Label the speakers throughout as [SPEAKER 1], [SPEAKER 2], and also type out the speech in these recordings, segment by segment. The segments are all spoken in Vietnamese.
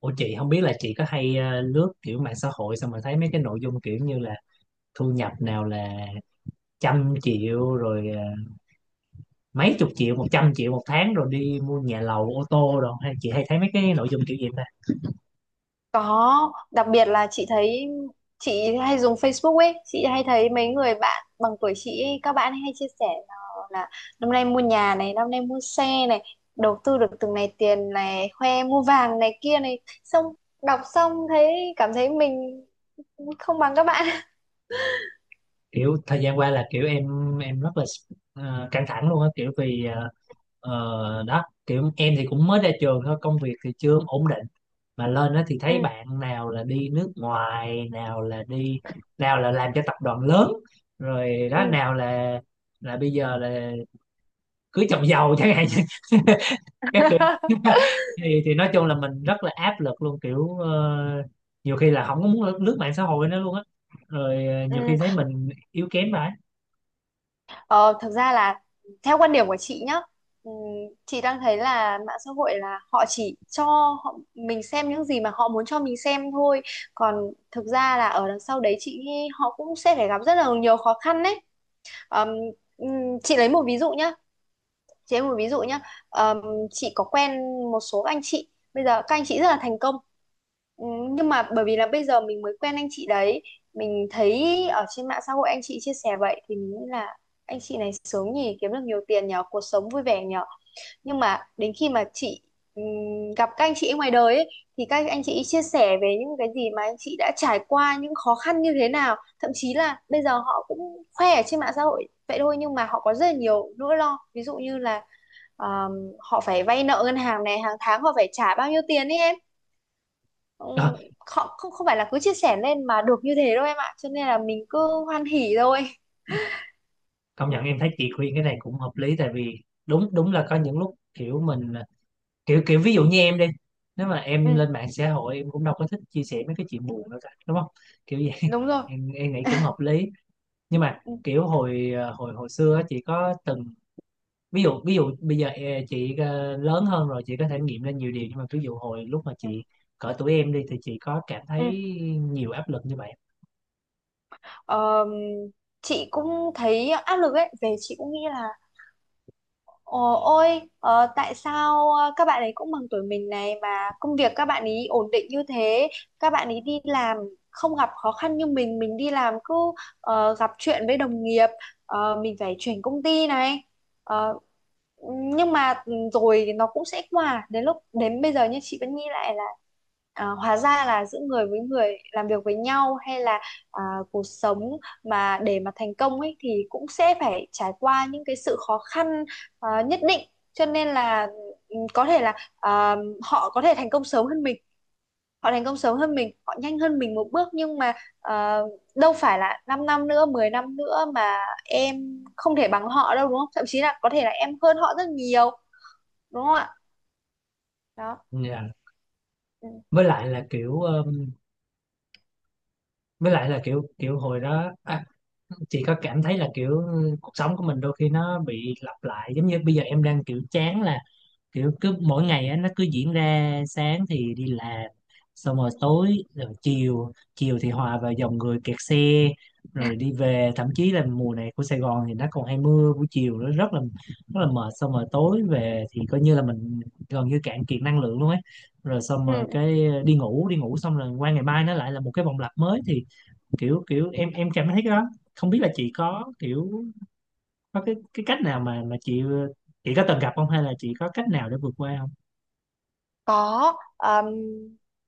[SPEAKER 1] Ủa, chị không biết là chị có hay lướt kiểu mạng xã hội xong rồi thấy mấy cái nội dung kiểu như là thu nhập, nào là trăm triệu rồi mấy chục triệu, 100 triệu một tháng, rồi đi mua nhà lầu, ô tô, rồi hay chị hay thấy mấy cái nội dung kiểu gì ta?
[SPEAKER 2] Có, đặc biệt là chị thấy chị hay dùng Facebook ấy, chị hay thấy mấy người bạn bằng tuổi chị ấy, các bạn ấy hay chia sẻ là năm nay mua nhà này, năm nay mua xe này, đầu tư được từng này tiền này, khoe mua vàng này kia này, xong đọc xong thấy cảm thấy mình không bằng các bạn.
[SPEAKER 1] Kiểu thời gian qua là kiểu em rất là căng thẳng luôn á, kiểu vì đó, kiểu em thì cũng mới ra trường thôi, công việc thì chưa ổn định, mà lên đó thì
[SPEAKER 2] Ừ,
[SPEAKER 1] thấy bạn nào là đi nước ngoài, nào là đi, nào là làm cho tập đoàn lớn rồi
[SPEAKER 2] ừ.
[SPEAKER 1] đó, nào là bây giờ là cưới chồng giàu chẳng hạn, các kiểu. Thì nói chung là mình rất là áp lực luôn, kiểu nhiều khi là không có muốn lướt, lướt mạng xã hội nữa luôn á, rồi nhiều khi
[SPEAKER 2] Ừ.
[SPEAKER 1] thấy mình yếu kém vậy.
[SPEAKER 2] Ờ, thực ra là theo quan điểm của chị nhá, ừm, chị đang thấy là mạng xã hội là họ chỉ cho họ, mình xem những gì mà họ muốn cho mình xem thôi. Còn thực ra là ở đằng sau đấy chị nghĩ họ cũng sẽ phải gặp rất là nhiều khó khăn đấy. Ờm, chị lấy một ví dụ nhá, chị em một ví dụ nhá, ờm, chị có quen một số anh chị, bây giờ các anh chị rất là thành công. Ừ, nhưng mà bởi vì là bây giờ mình mới quen anh chị đấy, mình thấy ở trên mạng xã hội anh chị chia sẻ vậy thì mình nghĩ là anh chị này sướng nhỉ, kiếm được nhiều tiền nhở, cuộc sống vui vẻ nhở. Nhưng mà đến khi mà chị ừm, gặp các anh chị ngoài đời ấy, thì các anh chị chia sẻ về những cái gì mà anh chị đã trải qua, những khó khăn như thế nào, thậm chí là bây giờ họ cũng khoe ở trên mạng xã hội vậy thôi nhưng mà họ có rất là nhiều nỗi lo, ví dụ như là Ờ, họ phải vay nợ ngân hàng này, hàng tháng họ phải trả bao nhiêu tiền ấy em. Ừ,
[SPEAKER 1] Ờ,
[SPEAKER 2] họ không không phải là cứ chia sẻ lên mà được như thế đâu em ạ, cho nên là mình cứ hoan hỉ thôi.
[SPEAKER 1] công
[SPEAKER 2] Ừ,
[SPEAKER 1] nhận em thấy chị khuyên cái này cũng hợp lý, tại vì đúng đúng là có những lúc kiểu mình kiểu kiểu ví dụ như em đi, nếu mà em
[SPEAKER 2] ừ,
[SPEAKER 1] lên mạng xã hội em cũng đâu có thích chia sẻ mấy cái chuyện buồn đâu cả, đúng không? Kiểu vậy.
[SPEAKER 2] đúng rồi.
[SPEAKER 1] Em nghĩ cũng hợp lý. Nhưng mà
[SPEAKER 2] Ừ,
[SPEAKER 1] kiểu hồi hồi hồi xưa á, chị có từng ví dụ, bây giờ chị lớn hơn rồi chị có thể nghiệm lên nhiều điều, nhưng mà ví dụ hồi lúc mà
[SPEAKER 2] ừ,
[SPEAKER 1] chị cỡ tuổi em đi thì chị có cảm thấy
[SPEAKER 2] ừ.
[SPEAKER 1] nhiều áp lực như vậy?
[SPEAKER 2] Ờ, chị cũng thấy áp lực ấy, về chị cũng nghĩ là: Ồ, ôi, tại sao các bạn ấy cũng bằng tuổi mình này mà công việc các bạn ấy ổn định như thế, các bạn ấy đi làm không gặp khó khăn như mình đi làm cứ gặp chuyện với đồng nghiệp, mình phải chuyển công ty này. Ờ, nhưng mà rồi nó cũng sẽ qua, đến lúc đến bây giờ như chị vẫn nghĩ lại là hóa ra là giữa người với người làm việc với nhau hay là à, cuộc sống mà để mà thành công ấy thì cũng sẽ phải trải qua những cái sự khó khăn nhất định. Cho nên là có thể là họ có thể thành công sớm hơn mình, họ thành công sớm hơn mình, họ nhanh hơn mình một bước, nhưng mà ờ, đâu phải là 5 năm nữa, 10 năm nữa mà em không thể bằng họ đâu, đúng không? Thậm chí là có thể là em hơn họ rất nhiều, đúng không ạ? Đó.
[SPEAKER 1] Dạ.
[SPEAKER 2] Ừ.
[SPEAKER 1] với lại là kiểu ờ, với lại là kiểu kiểu hồi đó à, chị có cảm thấy là kiểu ừ, cuộc sống của mình đôi khi nó bị lặp lại, giống như bây giờ em đang kiểu chán là kiểu cứ mỗi ngày á nó cứ diễn ra, sáng thì đi làm xong rồi tối, rồi chiều chiều thì hòa vào dòng người kẹt xe rồi đi về, thậm chí là mùa này của Sài Gòn thì nó còn hay mưa buổi chiều, nó rất là mệt, xong rồi tối về thì coi như là mình gần như cạn kiệt năng lượng luôn ấy, rồi xong rồi
[SPEAKER 2] Ừ,
[SPEAKER 1] cái đi ngủ xong rồi qua ngày mai nó lại là một cái vòng lặp mới, thì kiểu kiểu em cảm thấy cái đó, không biết là chị có kiểu có cái cách nào mà chị có từng gặp không hay là chị có cách nào để vượt qua không?
[SPEAKER 2] có.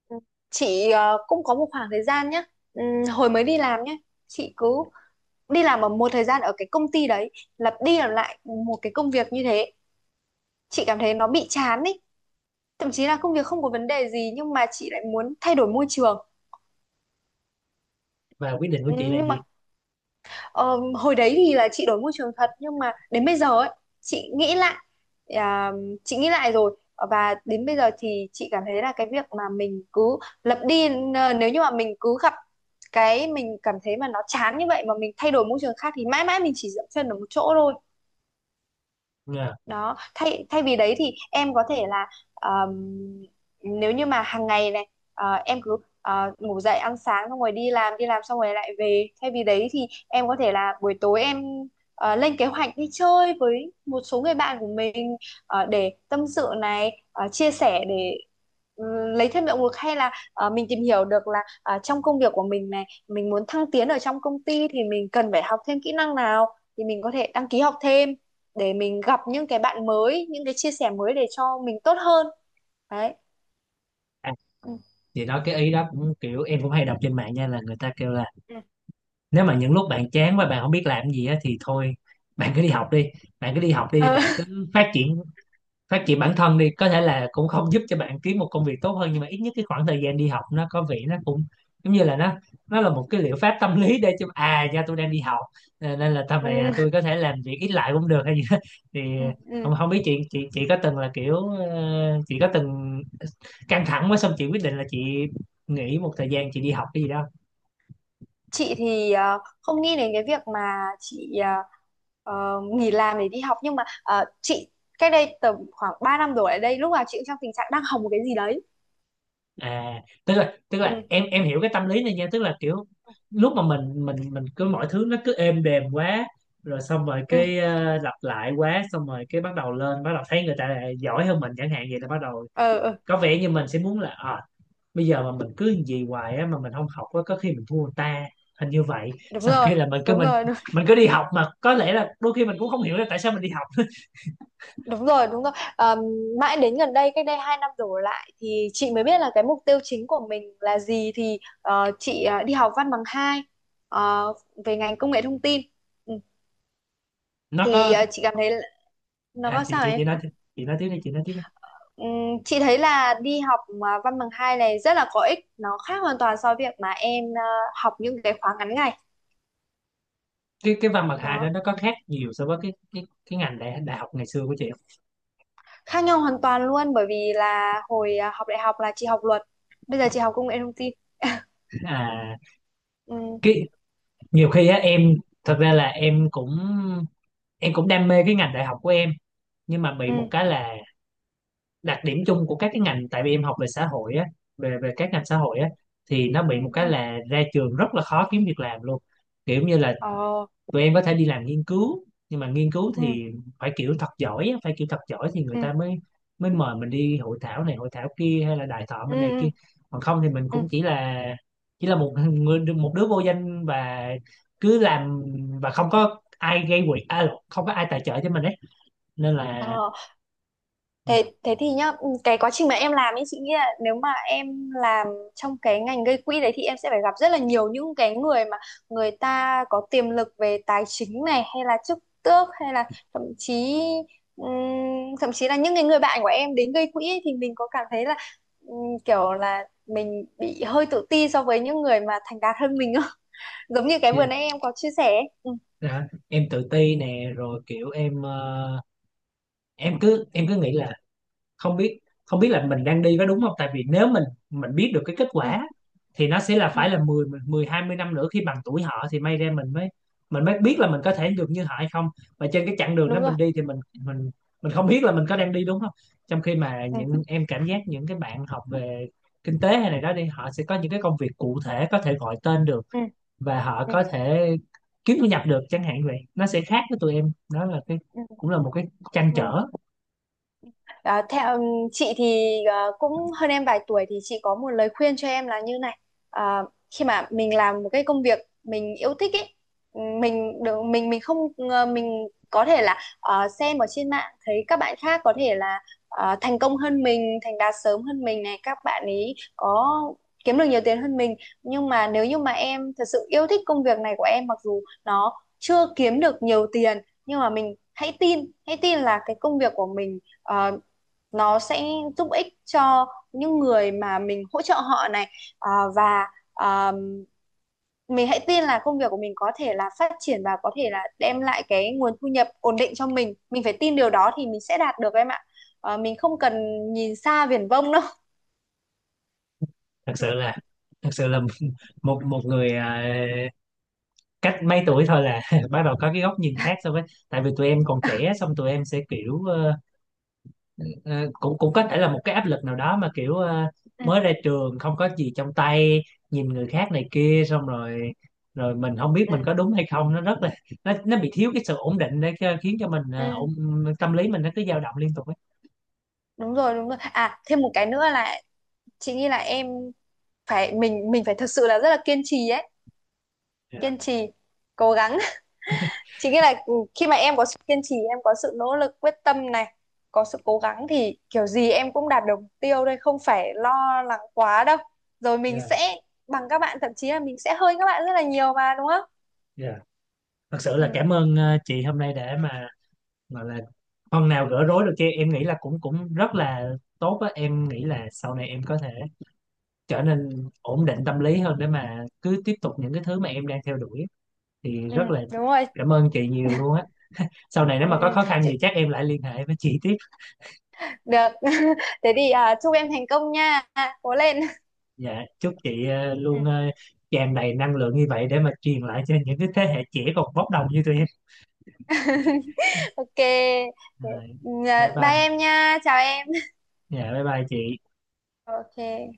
[SPEAKER 2] ừ, chị cũng có một khoảng thời gian nhé, hồi mới đi làm nhé, chị cứ đi làm ở một thời gian ở cái công ty đấy, lặp đi lặp lại một cái công việc như thế, chị cảm thấy nó bị chán ấy, thậm chí là công việc không có vấn đề gì nhưng mà chị lại muốn thay đổi môi trường.
[SPEAKER 1] Và quyết định của
[SPEAKER 2] Ừ,
[SPEAKER 1] chị là
[SPEAKER 2] nhưng
[SPEAKER 1] gì?
[SPEAKER 2] mà ờ, hồi đấy thì là chị đổi môi trường thật, nhưng mà đến bây giờ ấy chị nghĩ lại, à, chị nghĩ lại rồi, và đến bây giờ thì chị cảm thấy là cái việc mà mình cứ lặp đi, nếu như mà mình cứ gặp cái mình cảm thấy mà nó chán như vậy mà mình thay đổi môi trường khác thì mãi mãi mình chỉ dậm chân ở một chỗ thôi.
[SPEAKER 1] Ngờ.
[SPEAKER 2] Đó, thay thay vì đấy thì em có thể là, ờm, nếu như mà hàng ngày này em cứ ngủ dậy ăn sáng xong rồi đi làm, đi làm xong rồi lại về, thay vì đấy thì em có thể là buổi tối em lên kế hoạch đi chơi với một số người bạn của mình, để tâm sự này, chia sẻ để ừ, lấy thêm động lực, hay là mình tìm hiểu được là trong công việc của mình này mình muốn thăng tiến ở trong công ty thì mình cần phải học thêm kỹ năng nào, thì mình có thể đăng ký học thêm để mình gặp những cái bạn mới, những cái chia sẻ mới để cho mình tốt hơn. Đấy.
[SPEAKER 1] À,
[SPEAKER 2] Ừ.
[SPEAKER 1] chị nói cái ý đó cũng kiểu em cũng hay đọc trên mạng nha, là người ta kêu là
[SPEAKER 2] Ừ.
[SPEAKER 1] nếu mà những lúc bạn chán và bạn không biết làm gì á thì thôi, bạn cứ đi học đi, bạn cứ đi học đi,
[SPEAKER 2] Ờ.
[SPEAKER 1] bạn cứ phát triển, phát triển bản thân đi, có thể là cũng không giúp cho bạn kiếm một công việc tốt hơn nhưng mà ít nhất cái khoảng thời gian đi học nó có vẻ nó cũng giống như là nó là một cái liệu pháp tâm lý, để cho à nha tôi đang đi học, à, nên là tầm này à,
[SPEAKER 2] Ừ,
[SPEAKER 1] tôi có thể làm việc ít lại cũng được hay gì đó. Thì
[SPEAKER 2] ừ, ừ.
[SPEAKER 1] không không biết chị có từng là kiểu chị có từng căng thẳng quá xong chị quyết định là chị nghỉ một thời gian chị đi học cái gì đó.
[SPEAKER 2] Chị thì không nghĩ đến cái việc mà chị nghỉ làm để đi học, nhưng mà chị cách đây tầm khoảng 3 năm đổ lại đây lúc nào chị cũng trong tình trạng đang học một cái gì đấy.
[SPEAKER 1] À, tức là tức
[SPEAKER 2] Ừ,
[SPEAKER 1] là em hiểu cái tâm lý này nha, tức là kiểu lúc mà mình cứ mọi thứ nó cứ êm đềm quá, rồi xong rồi
[SPEAKER 2] ừ.
[SPEAKER 1] cái lặp lại quá xong rồi cái bắt đầu lên, bắt đầu thấy người ta giỏi hơn mình chẳng hạn, vậy là bắt đầu
[SPEAKER 2] Ờ, ừ,
[SPEAKER 1] có vẻ như mình sẽ muốn là à, bây giờ mà mình cứ gì hoài á mà mình không học á có khi mình thua người ta, hình như vậy.
[SPEAKER 2] đúng
[SPEAKER 1] Sau
[SPEAKER 2] rồi,
[SPEAKER 1] khi là mình cứ
[SPEAKER 2] đúng
[SPEAKER 1] mình
[SPEAKER 2] rồi.
[SPEAKER 1] mình cứ đi học mà có lẽ là đôi khi mình cũng không hiểu là tại sao mình đi học.
[SPEAKER 2] Đúng rồi, đúng rồi. Mãi đến gần đây, cách đây 2 năm đổ lại thì chị mới biết là cái mục tiêu chính của mình là gì, thì chị đi học văn bằng 2 ờ, về ngành công nghệ thông tin. Ừ.
[SPEAKER 1] nó
[SPEAKER 2] Thì
[SPEAKER 1] có
[SPEAKER 2] chị cảm thấy là- nó
[SPEAKER 1] à
[SPEAKER 2] có sao em?
[SPEAKER 1] chị nói tiếp đi, chị nói tiếp đi.
[SPEAKER 2] Chị thấy là đi học mà văn bằng 2 này rất là có ích, nó khác hoàn toàn so với việc mà em học những cái khóa ngắn ngày.
[SPEAKER 1] Cái văn bằng hai đó
[SPEAKER 2] Đó,
[SPEAKER 1] nó có khác nhiều so với cái ngành đại đại học ngày xưa của chị không?
[SPEAKER 2] khác nhau hoàn toàn luôn, bởi vì là hồi học đại học là chị học luật, bây giờ chị học công nghệ thông tin.
[SPEAKER 1] À,
[SPEAKER 2] Ừ,
[SPEAKER 1] cái nhiều khi á em, thật ra là em cũng đam mê cái ngành đại học của em, nhưng mà bị một
[SPEAKER 2] ừ,
[SPEAKER 1] cái là đặc điểm chung của các cái ngành, tại vì em học về xã hội á, về về các ngành xã hội á thì nó
[SPEAKER 2] ừ,
[SPEAKER 1] bị một cái
[SPEAKER 2] ừ.
[SPEAKER 1] là ra trường rất là khó kiếm việc làm luôn, kiểu như là
[SPEAKER 2] Ờ.
[SPEAKER 1] tụi em có thể đi làm nghiên cứu, nhưng mà nghiên cứu
[SPEAKER 2] Ừ,
[SPEAKER 1] thì phải kiểu thật giỏi á, phải kiểu thật giỏi thì người
[SPEAKER 2] ừ,
[SPEAKER 1] ta mới mới mời mình đi hội thảo này hội thảo kia hay là đại thọ
[SPEAKER 2] ừ,
[SPEAKER 1] bên này kia,
[SPEAKER 2] ừ,
[SPEAKER 1] còn không thì mình
[SPEAKER 2] ừ.
[SPEAKER 1] cũng chỉ là một người, một đứa vô danh, và cứ làm, và không có ai gây quỹ à, không có ai tài trợ cho mình ấy nên là.
[SPEAKER 2] ờ, thế thế thì nhá, cái quá trình mà em làm ấy chị nghĩ là nếu mà em làm trong cái ngành gây quỹ đấy thì em sẽ phải gặp rất là nhiều những cái người mà người ta có tiềm lực về tài chính này, hay là chức tước, hay là ừm, thậm chí là những cái người bạn của em đến gây quỹ ấy, thì mình có cảm thấy là kiểu là mình bị hơi tự ti so với những người mà thành đạt hơn mình không? Giống như cái vừa nãy em có chia sẻ ấy. Ừ,
[SPEAKER 1] Dạ, em tự ti nè, rồi kiểu em em cứ nghĩ là không biết, không biết là mình đang đi có đúng không, tại vì nếu mình biết được cái kết
[SPEAKER 2] ừ,
[SPEAKER 1] quả thì nó sẽ là
[SPEAKER 2] ừ,
[SPEAKER 1] phải là 10 mười, 20 năm nữa khi bằng tuổi họ thì may ra mình mới biết là mình có thể được như họ hay không, và trên cái chặng đường đó
[SPEAKER 2] đúng rồi.
[SPEAKER 1] mình đi thì mình không biết là mình có đang đi đúng không, trong khi mà
[SPEAKER 2] Ừ,
[SPEAKER 1] những em cảm giác những cái bạn học về kinh tế hay này đó đi họ sẽ có những cái công việc cụ thể có thể gọi tên được,
[SPEAKER 2] ừ,
[SPEAKER 1] và họ
[SPEAKER 2] ừ,
[SPEAKER 1] có thể kiếm thu nhập được chẳng hạn, vậy nó sẽ khác với tụi em, đó là cái
[SPEAKER 2] ừ.
[SPEAKER 1] cũng là một cái trăn
[SPEAKER 2] Ừ.
[SPEAKER 1] trở.
[SPEAKER 2] À, theo chị thì cũng hơn em vài tuổi thì chị có một lời khuyên cho em là như này: à, khi mà mình làm một cái công việc mình yêu thích ấy, mình được mình không, mình có thể là xem ở trên mạng thấy các bạn khác có thể là thành công hơn mình, thành đạt sớm hơn mình này, các bạn ấy có kiếm được nhiều tiền hơn mình, nhưng mà nếu như mà em thật sự yêu thích công việc này của em, mặc dù nó chưa kiếm được nhiều tiền, nhưng mà mình hãy tin, hãy tin là cái công việc của mình nó sẽ giúp ích cho những người mà mình hỗ trợ họ này, à, và, à, mình hãy tin là công việc của mình có thể là phát triển và có thể là đem lại cái nguồn thu nhập ổn định cho mình phải tin điều đó thì mình sẽ đạt được em ạ. À, mình không cần nhìn xa viển vông đâu.
[SPEAKER 1] Thật
[SPEAKER 2] Ừ,
[SPEAKER 1] sự là, thật sự là một một người, à, cách mấy tuổi thôi là, bắt đầu có cái góc nhìn khác so với, tại vì tụi em còn trẻ xong tụi em sẽ kiểu ờ, cũng cũng có thể là một cái áp lực nào đó mà kiểu
[SPEAKER 2] ừ,
[SPEAKER 1] mới ra trường không có gì trong tay, nhìn người khác này kia xong rồi, rồi mình không biết
[SPEAKER 2] ừ,
[SPEAKER 1] mình có đúng hay không, nó rất là, nó bị thiếu cái sự ổn định khiến cho mình
[SPEAKER 2] ừ.
[SPEAKER 1] ổn, tâm lý mình nó cứ dao động liên tục ấy.
[SPEAKER 2] Đúng rồi, đúng rồi. À, thêm một cái nữa là chị nghĩ là em phải, mình phải thật sự là rất là kiên trì ấy,
[SPEAKER 1] Dạ,
[SPEAKER 2] kiên trì, cố gắng, chính nghĩa là khi mà em có sự kiên trì, em có sự nỗ lực quyết tâm này, có sự cố gắng, thì kiểu gì em cũng đạt được mục tiêu đây, không phải lo lắng quá đâu, rồi mình
[SPEAKER 1] dạ,
[SPEAKER 2] sẽ bằng các bạn, thậm chí là mình sẽ hơn các bạn rất là nhiều mà, đúng không?
[SPEAKER 1] dạ. Thật sự
[SPEAKER 2] Ừ,
[SPEAKER 1] là cảm ơn chị hôm nay để mà gọi là phần nào gỡ rối được kia, em nghĩ là cũng cũng rất là tốt á, em nghĩ là sau này em có thể trở nên ổn định tâm lý hơn để mà cứ tiếp tục những cái thứ mà em đang theo đuổi, thì
[SPEAKER 2] ừ,
[SPEAKER 1] rất là
[SPEAKER 2] đúng rồi.
[SPEAKER 1] cảm ơn chị nhiều luôn á, sau này nếu
[SPEAKER 2] Ừ.
[SPEAKER 1] mà có khó khăn gì
[SPEAKER 2] chị-
[SPEAKER 1] chắc em lại liên hệ với chị tiếp.
[SPEAKER 2] Được. Thế thì chúc em thành công nha, cố lên.
[SPEAKER 1] Dạ, chúc chị luôn
[SPEAKER 2] Ừ.
[SPEAKER 1] tràn đầy năng lượng như vậy để mà truyền lại cho những cái thế hệ trẻ còn bốc đồng như tụi em.
[SPEAKER 2] Ok. Thế,
[SPEAKER 1] Rồi, bye
[SPEAKER 2] bye
[SPEAKER 1] bye.
[SPEAKER 2] em nha, chào em.
[SPEAKER 1] Dạ, bye bye chị.
[SPEAKER 2] Ok.